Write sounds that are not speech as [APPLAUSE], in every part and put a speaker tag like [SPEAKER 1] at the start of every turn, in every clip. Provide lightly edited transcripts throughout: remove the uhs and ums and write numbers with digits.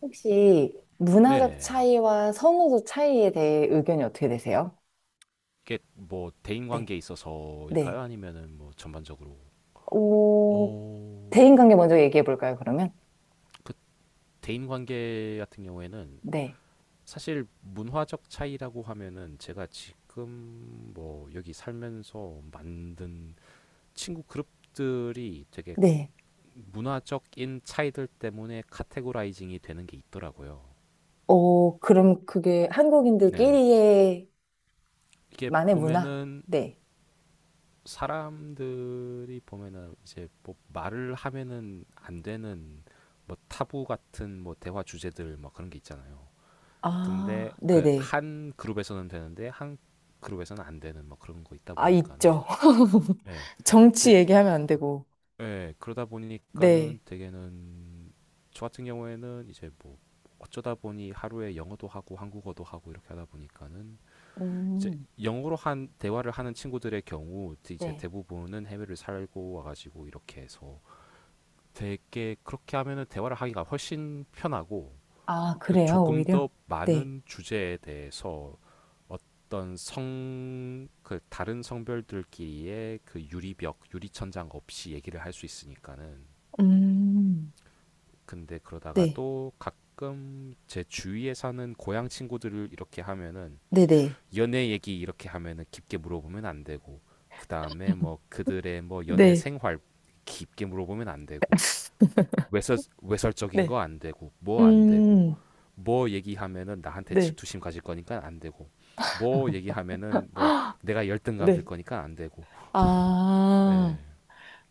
[SPEAKER 1] 혹시 문화적
[SPEAKER 2] 네네.
[SPEAKER 1] 차이와 선호도 차이에 대해 의견이 어떻게 되세요?
[SPEAKER 2] 이게 뭐 대인
[SPEAKER 1] 네.
[SPEAKER 2] 관계에 있어서일까요?
[SPEAKER 1] 네.
[SPEAKER 2] 아니면은 뭐 전반적으로.
[SPEAKER 1] 오,
[SPEAKER 2] 어,
[SPEAKER 1] 대인관계 먼저 얘기해 볼까요, 그러면?
[SPEAKER 2] 그 대인 관계 같은 경우에는
[SPEAKER 1] 네.
[SPEAKER 2] 사실 문화적 차이라고 하면은 제가 지금 뭐 여기 살면서 만든 친구 그룹들이 되게
[SPEAKER 1] 네.
[SPEAKER 2] 문화적인 차이들 때문에 카테고라이징이 되는 게 있더라고요.
[SPEAKER 1] 어, 그럼 그게
[SPEAKER 2] 네네.
[SPEAKER 1] 한국인들끼리의
[SPEAKER 2] 이게
[SPEAKER 1] 만의 문화?
[SPEAKER 2] 보면은
[SPEAKER 1] 네.
[SPEAKER 2] 사람들이 보면은 이제 뭐 말을 하면은 안 되는 뭐 타부 같은 뭐 대화 주제들 뭐 그런 게 있잖아요. 근데
[SPEAKER 1] 아,
[SPEAKER 2] 그
[SPEAKER 1] 네네.
[SPEAKER 2] 한 그룹에서는 되는데 한 그룹에서는 안 되는 뭐 그런 거 있다
[SPEAKER 1] 아,
[SPEAKER 2] 보니까는.
[SPEAKER 1] 있죠. [LAUGHS]
[SPEAKER 2] 예. 이제
[SPEAKER 1] 정치 얘기하면 안 되고.
[SPEAKER 2] 예, 그러다 보니까는
[SPEAKER 1] 네.
[SPEAKER 2] 되게는 저 같은 경우에는 이제 뭐 어쩌다 보니 하루에 영어도 하고 한국어도 하고 이렇게 하다 보니까는 이제
[SPEAKER 1] 음,
[SPEAKER 2] 영어로 한 대화를 하는 친구들의 경우 이제
[SPEAKER 1] 네.
[SPEAKER 2] 대부분은 해외를 살고 와가지고 이렇게 해서 되게 그렇게 하면은 대화를 하기가 훨씬 편하고
[SPEAKER 1] 아,
[SPEAKER 2] 그
[SPEAKER 1] 그래요,
[SPEAKER 2] 조금
[SPEAKER 1] 오히려?
[SPEAKER 2] 더
[SPEAKER 1] 네.
[SPEAKER 2] 많은 주제에 대해서 어떤 성 그 다른 성별들끼리의 그 유리벽, 유리천장 없이 얘기를 할 수 있으니까는.
[SPEAKER 1] 음,
[SPEAKER 2] 근데 그러다가
[SPEAKER 1] 네.
[SPEAKER 2] 또 가끔 제 주위에 사는 고향 친구들을 이렇게 하면은
[SPEAKER 1] 네네.
[SPEAKER 2] 연애 얘기 이렇게 하면은 깊게 물어보면 안 되고 그다음에
[SPEAKER 1] [LAUGHS]
[SPEAKER 2] 뭐 그들의 뭐 연애
[SPEAKER 1] 네.
[SPEAKER 2] 생활 깊게 물어보면 안 되고 외설 외설적인
[SPEAKER 1] 네.
[SPEAKER 2] 거 안 되고 뭐 안 되고
[SPEAKER 1] 음,
[SPEAKER 2] 뭐 얘기하면은 나한테
[SPEAKER 1] 네.
[SPEAKER 2] 질투심 가질 거니까 안 되고 뭐 얘기하면은
[SPEAKER 1] [GASPS]
[SPEAKER 2] 뭐
[SPEAKER 1] 아,
[SPEAKER 2] 내가 열등감 들
[SPEAKER 1] 네.
[SPEAKER 2] 거니까 안 되고.
[SPEAKER 1] 아,
[SPEAKER 2] 예.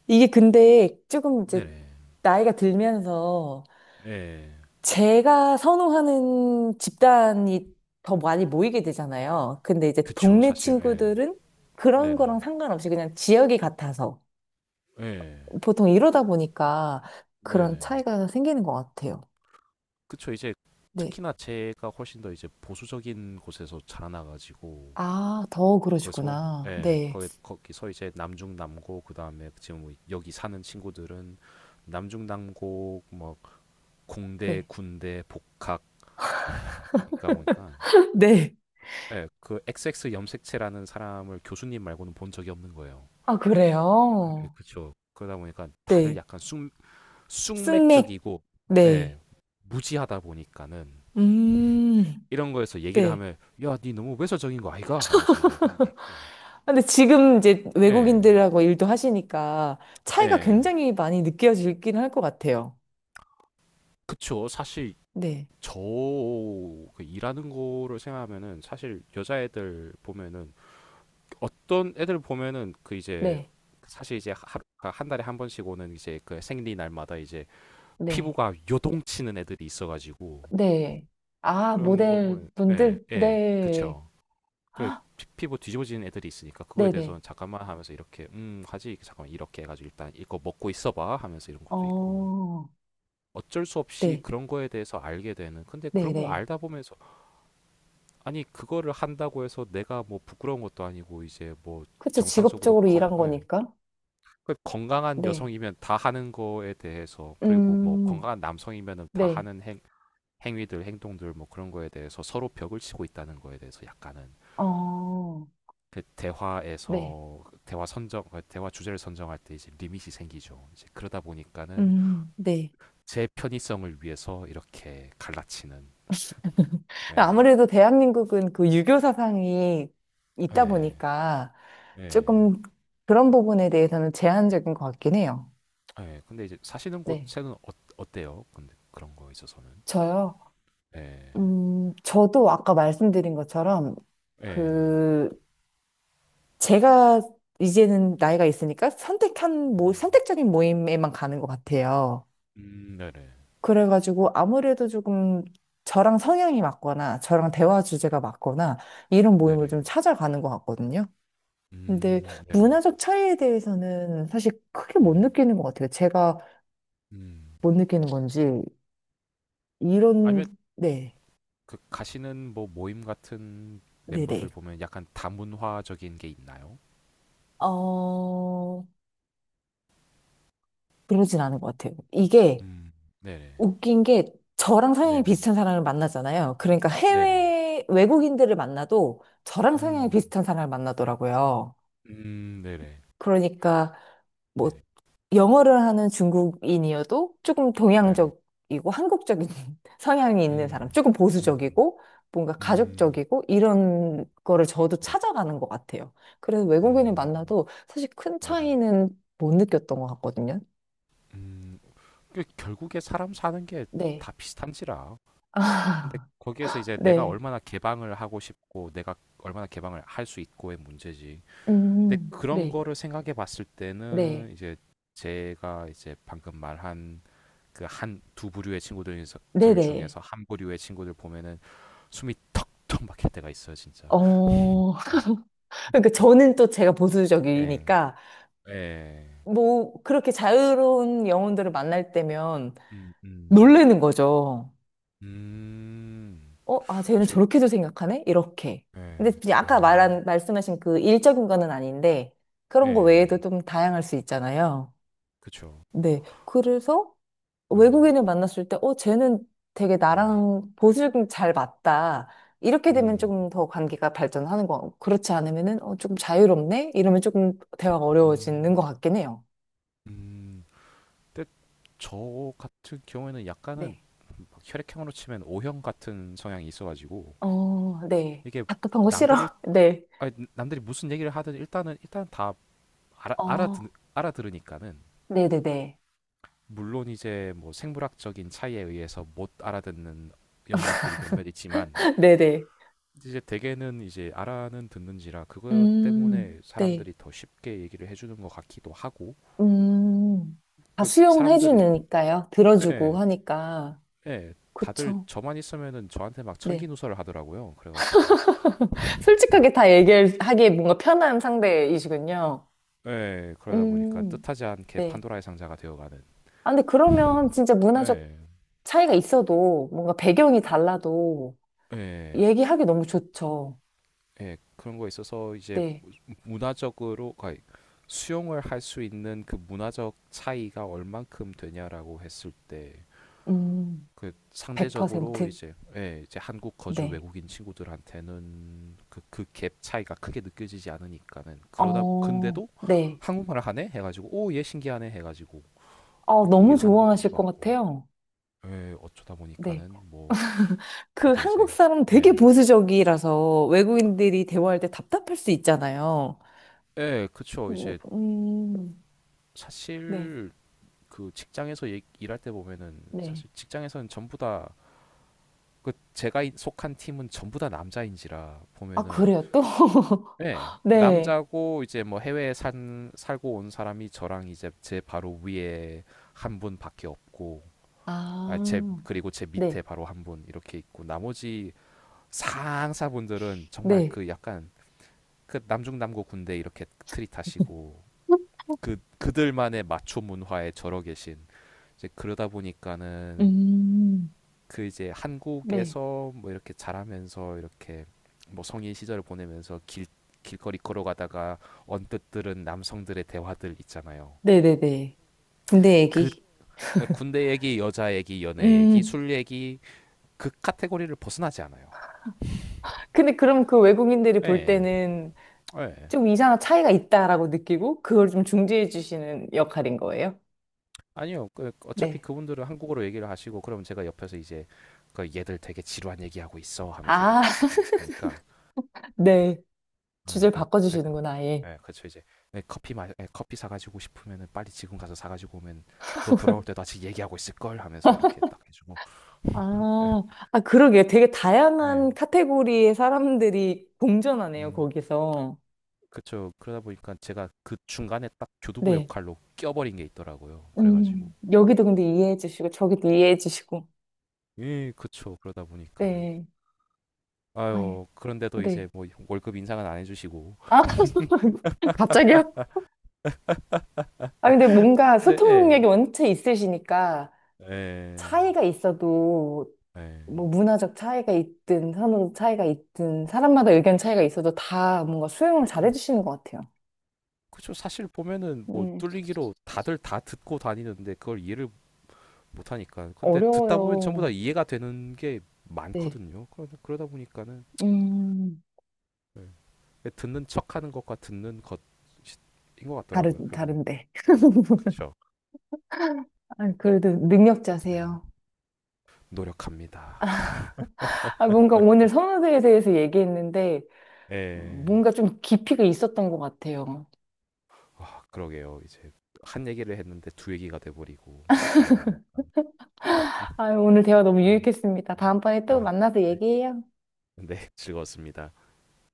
[SPEAKER 1] 이게 근데 조금 이제
[SPEAKER 2] 네네.
[SPEAKER 1] 나이가 들면서
[SPEAKER 2] 예.
[SPEAKER 1] 제가 선호하는 집단이 더 많이 모이게 되잖아요. 근데 이제
[SPEAKER 2] 그쵸.
[SPEAKER 1] 동네
[SPEAKER 2] 사실 예.
[SPEAKER 1] 친구들은 그런
[SPEAKER 2] 네네.
[SPEAKER 1] 거랑 상관없이 그냥 지역이 같아서
[SPEAKER 2] 예.
[SPEAKER 1] 보통 이러다 보니까 그런
[SPEAKER 2] 네네.
[SPEAKER 1] 차이가 생기는 것 같아요.
[SPEAKER 2] 그쵸. 이제
[SPEAKER 1] 네.
[SPEAKER 2] 특히나 제가 훨씬 더 이제 보수적인 곳에서 자라나가지고
[SPEAKER 1] 아, 더
[SPEAKER 2] 거기서
[SPEAKER 1] 그러시구나.
[SPEAKER 2] 예,
[SPEAKER 1] 네.
[SPEAKER 2] 거기서 이제 남중남고 그 다음에 지금 뭐 여기 사는 친구들은 남중남고 뭐 공대,
[SPEAKER 1] 네.
[SPEAKER 2] 군대, 복학이니까 보니까
[SPEAKER 1] [LAUGHS] 네.
[SPEAKER 2] 예, 그 XX 염색체라는 사람을 교수님 말고는 본 적이 없는 거예요.
[SPEAKER 1] 아,
[SPEAKER 2] 예,
[SPEAKER 1] 그래요?
[SPEAKER 2] 그렇죠. 그러다 보니까 다들
[SPEAKER 1] 네.
[SPEAKER 2] 약간 쑥,
[SPEAKER 1] 스낵.
[SPEAKER 2] 쑥맥적이고
[SPEAKER 1] 네.
[SPEAKER 2] 예, 무지하다 보니까는
[SPEAKER 1] 음,
[SPEAKER 2] 이런 거에서 얘기를
[SPEAKER 1] 네.
[SPEAKER 2] 하면 야, 니 너무 외설적인 거 아이가? 하면서 이제 한 게 있고.
[SPEAKER 1] 근데 지금 이제
[SPEAKER 2] 예.
[SPEAKER 1] 외국인들하고 일도 하시니까 차이가
[SPEAKER 2] 예.
[SPEAKER 1] 굉장히 많이 느껴지긴 할 것 같아요.
[SPEAKER 2] 그쵸. 사실
[SPEAKER 1] 네.
[SPEAKER 2] 저그 일하는 거를 생각하면은 사실 여자애들 보면은 어떤 애들 보면은 그 이제
[SPEAKER 1] 네,
[SPEAKER 2] 사실 이제 하루 한 달에 한 번씩 오는 이제 그 생리 날마다 이제
[SPEAKER 1] 네,
[SPEAKER 2] 피부가 요동치는 애들이 있어가지고
[SPEAKER 1] 네. 아,
[SPEAKER 2] 그런 거
[SPEAKER 1] 모델
[SPEAKER 2] 보면 예,
[SPEAKER 1] 분들?
[SPEAKER 2] 예,
[SPEAKER 1] 네.
[SPEAKER 2] 그쵸.
[SPEAKER 1] [GASPS]
[SPEAKER 2] 그
[SPEAKER 1] 아,
[SPEAKER 2] 피부 뒤집어지는 애들이 있으니까 그거에
[SPEAKER 1] 네네.
[SPEAKER 2] 대해서는 잠깐만 하면서 이렇게 하지 잠깐만 이렇게 해가지고 일단 이거 먹고 있어봐 하면서 이런 것도 있고
[SPEAKER 1] 어,
[SPEAKER 2] 어쩔 수 없이
[SPEAKER 1] 네,
[SPEAKER 2] 그런 거에 대해서 알게 되는 근데 그런 걸
[SPEAKER 1] 네네.
[SPEAKER 2] 알다 보면서 아니 그거를 한다고 해서 내가 뭐 부끄러운 것도 아니고 이제 뭐
[SPEAKER 1] 그쵸,
[SPEAKER 2] 정상적으로
[SPEAKER 1] 직업적으로
[SPEAKER 2] 건,
[SPEAKER 1] 일한
[SPEAKER 2] 예,
[SPEAKER 1] 거니까.
[SPEAKER 2] 그 건강한
[SPEAKER 1] 네.
[SPEAKER 2] 여성이면 다 하는 거에 대해서 그리고 뭐
[SPEAKER 1] 음,
[SPEAKER 2] 건강한 남성이면은 다
[SPEAKER 1] 네.
[SPEAKER 2] 하는 행, 행위들 행동들 뭐 그런 거에 대해서 서로 벽을 치고 있다는 거에 대해서 약간은
[SPEAKER 1] 어,
[SPEAKER 2] 그
[SPEAKER 1] 네,
[SPEAKER 2] 대화에서 대화 선정 그 대화 주제를 선정할 때 이제 리밋이 생기죠. 이제 그러다 보니까는
[SPEAKER 1] 네.
[SPEAKER 2] 제 편의성을 위해서 이렇게 갈라치는. 예.
[SPEAKER 1] 아무래도 대한민국은 그 유교 사상이 있다
[SPEAKER 2] 예.
[SPEAKER 1] 보니까
[SPEAKER 2] 예.
[SPEAKER 1] 조금 그런 부분에 대해서는 제한적인 것 같긴 해요.
[SPEAKER 2] 예. 근데 이제 사시는
[SPEAKER 1] 네,
[SPEAKER 2] 곳에는 어, 어때요? 근데 그런 거에 있어서는.
[SPEAKER 1] 저요.
[SPEAKER 2] 예.
[SPEAKER 1] 저도 아까 말씀드린 것처럼
[SPEAKER 2] 예.
[SPEAKER 1] 그 제가 이제는 나이가 있으니까 선택한 모
[SPEAKER 2] 음,
[SPEAKER 1] 선택적인 모임에만 가는 것 같아요.
[SPEAKER 2] 네네.
[SPEAKER 1] 그래가지고 아무래도 조금 저랑 성향이 맞거나 저랑 대화 주제가 맞거나 이런 모임을
[SPEAKER 2] 네네.
[SPEAKER 1] 좀 찾아가는 것 같거든요. 근데
[SPEAKER 2] 네네.
[SPEAKER 1] 문화적 차이에 대해서는 사실 크게 못
[SPEAKER 2] 네네.
[SPEAKER 1] 느끼는 것 같아요. 제가
[SPEAKER 2] 음.
[SPEAKER 1] 못 느끼는 건지, 이런,
[SPEAKER 2] 아니면
[SPEAKER 1] 네,
[SPEAKER 2] 가시는 뭐 모임 같은 멤버들
[SPEAKER 1] 네네.
[SPEAKER 2] 보면 약간 다문화적인 게 있나요?
[SPEAKER 1] 어, 그러진 않은 것 같아요. 이게
[SPEAKER 2] 음. 네네.
[SPEAKER 1] 웃긴 게 저랑 성향이
[SPEAKER 2] 네네.
[SPEAKER 1] 비슷한 사람을 만나잖아요. 그러니까
[SPEAKER 2] 네네.
[SPEAKER 1] 해외 외국인들을 만나도 저랑 성향이
[SPEAKER 2] 음.
[SPEAKER 1] 비슷한 사람을 만나더라고요.
[SPEAKER 2] 네네.
[SPEAKER 1] 그러니까 뭐
[SPEAKER 2] 네네.
[SPEAKER 1] 영어를 하는 중국인이어도 조금
[SPEAKER 2] 네네.
[SPEAKER 1] 동양적이고 한국적인 [LAUGHS] 성향이 있는 사람,
[SPEAKER 2] 음.
[SPEAKER 1] 조금
[SPEAKER 2] 음.
[SPEAKER 1] 보수적이고 뭔가
[SPEAKER 2] 음.
[SPEAKER 1] 가족적이고 이런 거를 저도
[SPEAKER 2] 네.
[SPEAKER 1] 찾아가는 것 같아요. 그래서 외국인을
[SPEAKER 2] 음.
[SPEAKER 1] 만나도 사실 큰
[SPEAKER 2] 네네.
[SPEAKER 1] 차이는 못 느꼈던 것 같거든요.
[SPEAKER 2] 음. 그 결국에 사람 사는 게
[SPEAKER 1] 네.
[SPEAKER 2] 다 비슷한지라. 근데
[SPEAKER 1] 아,
[SPEAKER 2] 거기에서
[SPEAKER 1] [LAUGHS]
[SPEAKER 2] 이제 내가
[SPEAKER 1] 네.
[SPEAKER 2] 얼마나 개방을 하고 싶고 내가 얼마나 개방을 할 수 있고의 문제지. 근데 그런
[SPEAKER 1] 네.
[SPEAKER 2] 거를 생각해 봤을
[SPEAKER 1] 네.
[SPEAKER 2] 때는 이제 제가 이제 방금 말한 그 한 두 부류의 친구들
[SPEAKER 1] 네네.
[SPEAKER 2] 중에서- 한 부류의 친구들 보면은 숨이 턱턱 막힐 때가 있어요, 진짜.
[SPEAKER 1] 어. [LAUGHS] 그러니까 저는 또 제가
[SPEAKER 2] 예.
[SPEAKER 1] 보수적이니까
[SPEAKER 2] 예.
[SPEAKER 1] 뭐, 그렇게 자유로운 영혼들을 만날 때면
[SPEAKER 2] 음, 음.
[SPEAKER 1] 놀래는 거죠.
[SPEAKER 2] 음.
[SPEAKER 1] 어, 아, 쟤는
[SPEAKER 2] 그쵸.
[SPEAKER 1] 저렇게도 생각하네? 이렇게. 근데
[SPEAKER 2] 예.
[SPEAKER 1] 이제 아까
[SPEAKER 2] 아.
[SPEAKER 1] 말한, 말씀하신 그 일적인 거는 아닌데, 그런 거
[SPEAKER 2] 예.
[SPEAKER 1] 외에도 좀 다양할 수 있잖아요.
[SPEAKER 2] 그쵸.
[SPEAKER 1] 네. 그래서
[SPEAKER 2] 네,
[SPEAKER 1] 외국인을 만났을 때, 어, 쟤는 되게
[SPEAKER 2] 음.
[SPEAKER 1] 나랑 보수적인 잘 맞다. 이렇게 되면
[SPEAKER 2] 음.
[SPEAKER 1] 조금 더 관계가 발전하는 거, 같고, 그렇지 않으면은, 어, 조금 자유롭네? 이러면 조금 대화가 어려워지는
[SPEAKER 2] 음.
[SPEAKER 1] 것 같긴 해요.
[SPEAKER 2] 음. 근데 저 같은 경우에는 약간은
[SPEAKER 1] 네.
[SPEAKER 2] 혈액형으로 치면 O형 같은 성향이 있어가지고
[SPEAKER 1] 어, 네.
[SPEAKER 2] 이게
[SPEAKER 1] 답답한 거 싫어.
[SPEAKER 2] 남들이
[SPEAKER 1] [LAUGHS] 네.
[SPEAKER 2] 아니, 남들이 무슨 얘기를 하든 일단은 일단 다 알아
[SPEAKER 1] 어,
[SPEAKER 2] 알아듣 알아들으니까는
[SPEAKER 1] 네네네.
[SPEAKER 2] 물론 이제 뭐 생물학적인 차이에 의해서 못 알아듣는 영역들이 몇몇
[SPEAKER 1] [LAUGHS]
[SPEAKER 2] 있지만
[SPEAKER 1] 네네.
[SPEAKER 2] 이제 대개는 이제 알아는 듣는지라 그것 때문에
[SPEAKER 1] 네.
[SPEAKER 2] 사람들이 더 쉽게 얘기를 해주는 것 같기도 하고
[SPEAKER 1] 음, 다
[SPEAKER 2] 그
[SPEAKER 1] 수용해
[SPEAKER 2] 사람들이
[SPEAKER 1] 주니까요. 들어주고
[SPEAKER 2] 예,
[SPEAKER 1] 하니까.
[SPEAKER 2] 예, 다들
[SPEAKER 1] 그쵸.
[SPEAKER 2] 저만 있으면은 저한테 막
[SPEAKER 1] 네.
[SPEAKER 2] 천기누설을 하더라고요. 그래가지고
[SPEAKER 1] [LAUGHS] 솔직하게 다 얘기하기에 뭔가 편한 상대이시군요.
[SPEAKER 2] 예, 그러다 보니까
[SPEAKER 1] 음,
[SPEAKER 2] 뜻하지 않게
[SPEAKER 1] 네.
[SPEAKER 2] 판도라의 상자가 되어가는.
[SPEAKER 1] 아, 근데 그러면 진짜 문화적
[SPEAKER 2] 예,
[SPEAKER 1] 차이가 있어도 뭔가 배경이 달라도
[SPEAKER 2] 예,
[SPEAKER 1] 얘기하기 너무 좋죠.
[SPEAKER 2] 예, 그런 거에 있어서 이제
[SPEAKER 1] 네.
[SPEAKER 2] 문화적으로 거의 수용을 할 수 있는 그 문화적 차이가 얼만큼 되냐라고 했을 때,
[SPEAKER 1] 음,
[SPEAKER 2] 그 상대적으로
[SPEAKER 1] 100%.
[SPEAKER 2] 이제 예, 이제 한국 거주
[SPEAKER 1] 네.
[SPEAKER 2] 외국인 친구들한테는 그 그 갭 차이가 크게 느껴지지 않으니까는 그러다
[SPEAKER 1] 어,
[SPEAKER 2] 근데도
[SPEAKER 1] 네.
[SPEAKER 2] 한국말을 하네 해가지고 오 얘 신기하네 해가지고
[SPEAKER 1] 어,
[SPEAKER 2] 이렇게
[SPEAKER 1] 너무
[SPEAKER 2] 얘기를 하는 것도 있는
[SPEAKER 1] 좋아하실
[SPEAKER 2] 것
[SPEAKER 1] 것
[SPEAKER 2] 같고
[SPEAKER 1] 같아요.
[SPEAKER 2] 예, 어쩌다
[SPEAKER 1] 네.
[SPEAKER 2] 보니까는 뭐
[SPEAKER 1] 그
[SPEAKER 2] 다들
[SPEAKER 1] 한국
[SPEAKER 2] 이제
[SPEAKER 1] 사람 되게
[SPEAKER 2] 예.
[SPEAKER 1] 보수적이라서 외국인들이 대화할 때 답답할 수 있잖아요.
[SPEAKER 2] 예, 그쵸.
[SPEAKER 1] 음,
[SPEAKER 2] 이제
[SPEAKER 1] 음, 네,
[SPEAKER 2] 사실 그 직장에서 일할 때 보면은
[SPEAKER 1] 네.
[SPEAKER 2] 사실 직장에서는 전부 다 그 제가 속한 팀은 전부 다 남자인지라
[SPEAKER 1] 아,
[SPEAKER 2] 보면은
[SPEAKER 1] 그래요, 또? [LAUGHS]
[SPEAKER 2] 예,
[SPEAKER 1] 네.
[SPEAKER 2] 남자고 이제 뭐 해외에 산 살고 온 사람이 저랑 이제 제 바로 위에 한 분밖에 없고 아, 제
[SPEAKER 1] 아,
[SPEAKER 2] 그리고 제
[SPEAKER 1] 네,
[SPEAKER 2] 밑에 바로 한 분 이렇게 있고 나머지 상사분들은 정말
[SPEAKER 1] 네.
[SPEAKER 2] 그 약간 그 남중남고 군대 이렇게 트릿하시고 그 그들만의 마초 문화에 절어 계신 이제 그러다 보니까는
[SPEAKER 1] 음,
[SPEAKER 2] 그 이제
[SPEAKER 1] 네.
[SPEAKER 2] 한국에서 뭐 이렇게 자라면서 이렇게 뭐 성인 시절을 보내면서 길 길거리 걸어가다가 언뜻 들은 남성들의 대화들 있잖아요.
[SPEAKER 1] 네네네. 군대
[SPEAKER 2] 그
[SPEAKER 1] 얘기.
[SPEAKER 2] 군대 얘기, 여자 얘기, 연애 얘기,
[SPEAKER 1] 음.
[SPEAKER 2] 술 얘기 그 카테고리를 벗어나지 않아요.
[SPEAKER 1] 근데 그럼 그 외국인들이 볼
[SPEAKER 2] 예,
[SPEAKER 1] 때는
[SPEAKER 2] 예.
[SPEAKER 1] 좀 이상한 차이가 있다라고 느끼고 그걸 좀 중재해 주시는 역할인 거예요?
[SPEAKER 2] 아니요. 어차피
[SPEAKER 1] 네.
[SPEAKER 2] 그분들은 한국어로 얘기를 하시고 그러면 제가 옆에서 이제 그 얘들 되게 지루한 얘기하고 있어 하면서 이게
[SPEAKER 1] 아,
[SPEAKER 2] 딱
[SPEAKER 1] [LAUGHS]
[SPEAKER 2] 하니까
[SPEAKER 1] 네.
[SPEAKER 2] 네,
[SPEAKER 1] 주제를
[SPEAKER 2] 그러니까.
[SPEAKER 1] 바꿔주시는구나, 아예.
[SPEAKER 2] 예 그렇죠 이제. 네, 커피 마, 예, 커피 사가지고 싶으면은 빨리 지금 가서 사가지고 오면 또 돌아올 때도 아직 얘기하고 있을 걸 하면서 이렇게 딱 해주고. 예
[SPEAKER 1] 아, 아, 그러게. 되게
[SPEAKER 2] 예,
[SPEAKER 1] 다양한 카테고리의 사람들이 공존하네요,
[SPEAKER 2] 음,
[SPEAKER 1] 거기서.
[SPEAKER 2] 그렇죠. 그러다 보니까 제가 그 중간에 딱 교두보
[SPEAKER 1] 네.
[SPEAKER 2] 역할로 껴버린 게 있더라고요. 그래가지고.
[SPEAKER 1] 여기도 근데 이해해 주시고, 저기도 이해해 주시고.
[SPEAKER 2] 예, 그쵸. 그러다 보니까는.
[SPEAKER 1] 네. 아, 예.
[SPEAKER 2] 아유, 그런데도 이제
[SPEAKER 1] 네.
[SPEAKER 2] 뭐 월급 인상은 안 해주시고.
[SPEAKER 1] 아, [LAUGHS] 갑자기요? 아, 근데 뭔가
[SPEAKER 2] 네,
[SPEAKER 1] 소통
[SPEAKER 2] 예.
[SPEAKER 1] 능력이 원체 있으시니까
[SPEAKER 2] 예,
[SPEAKER 1] 차이가 있어도
[SPEAKER 2] 예.
[SPEAKER 1] 뭐 문화적 차이가 있든 선호 차이가 있든 사람마다 의견 차이가 있어도 다 뭔가 수용을 잘해
[SPEAKER 2] 그,
[SPEAKER 1] 주시는 것 같아요.
[SPEAKER 2] 그쵸. 사실 보면은 뭐
[SPEAKER 1] 음,
[SPEAKER 2] 뚫리기로 다들 다 듣고 다니는데 그걸 이해를 못하니까. 근데 듣다 보면 전부
[SPEAKER 1] 어려워요.
[SPEAKER 2] 다 이해가 되는 게
[SPEAKER 1] 네.
[SPEAKER 2] 많거든요. 그러다 보니까는
[SPEAKER 1] 음,
[SPEAKER 2] 네. 듣는 척하는 것과 듣는 것인 것 같더라고요.
[SPEAKER 1] 다른,
[SPEAKER 2] 결국에는.
[SPEAKER 1] 다른데.
[SPEAKER 2] 네,
[SPEAKER 1] [LAUGHS]
[SPEAKER 2] 그렇죠.
[SPEAKER 1] 아, 그래도 능력자세요.
[SPEAKER 2] 노력합니다.
[SPEAKER 1] 아, 뭔가 오늘 선호도에 대해서 얘기했는데,
[SPEAKER 2] 예.
[SPEAKER 1] 뭔가 좀 깊이가 있었던 것 같아요.
[SPEAKER 2] 와, 그러게요. 이제 한 얘기를 했는데 두 얘기가 돼버리고 그렇게 돼버린. [LAUGHS]
[SPEAKER 1] 아, 오늘 대화 너무
[SPEAKER 2] 네.
[SPEAKER 1] 유익했습니다. 다음번에 또
[SPEAKER 2] 아,
[SPEAKER 1] 만나서
[SPEAKER 2] 네.
[SPEAKER 1] 얘기해요.
[SPEAKER 2] 네, 즐거웠습니다.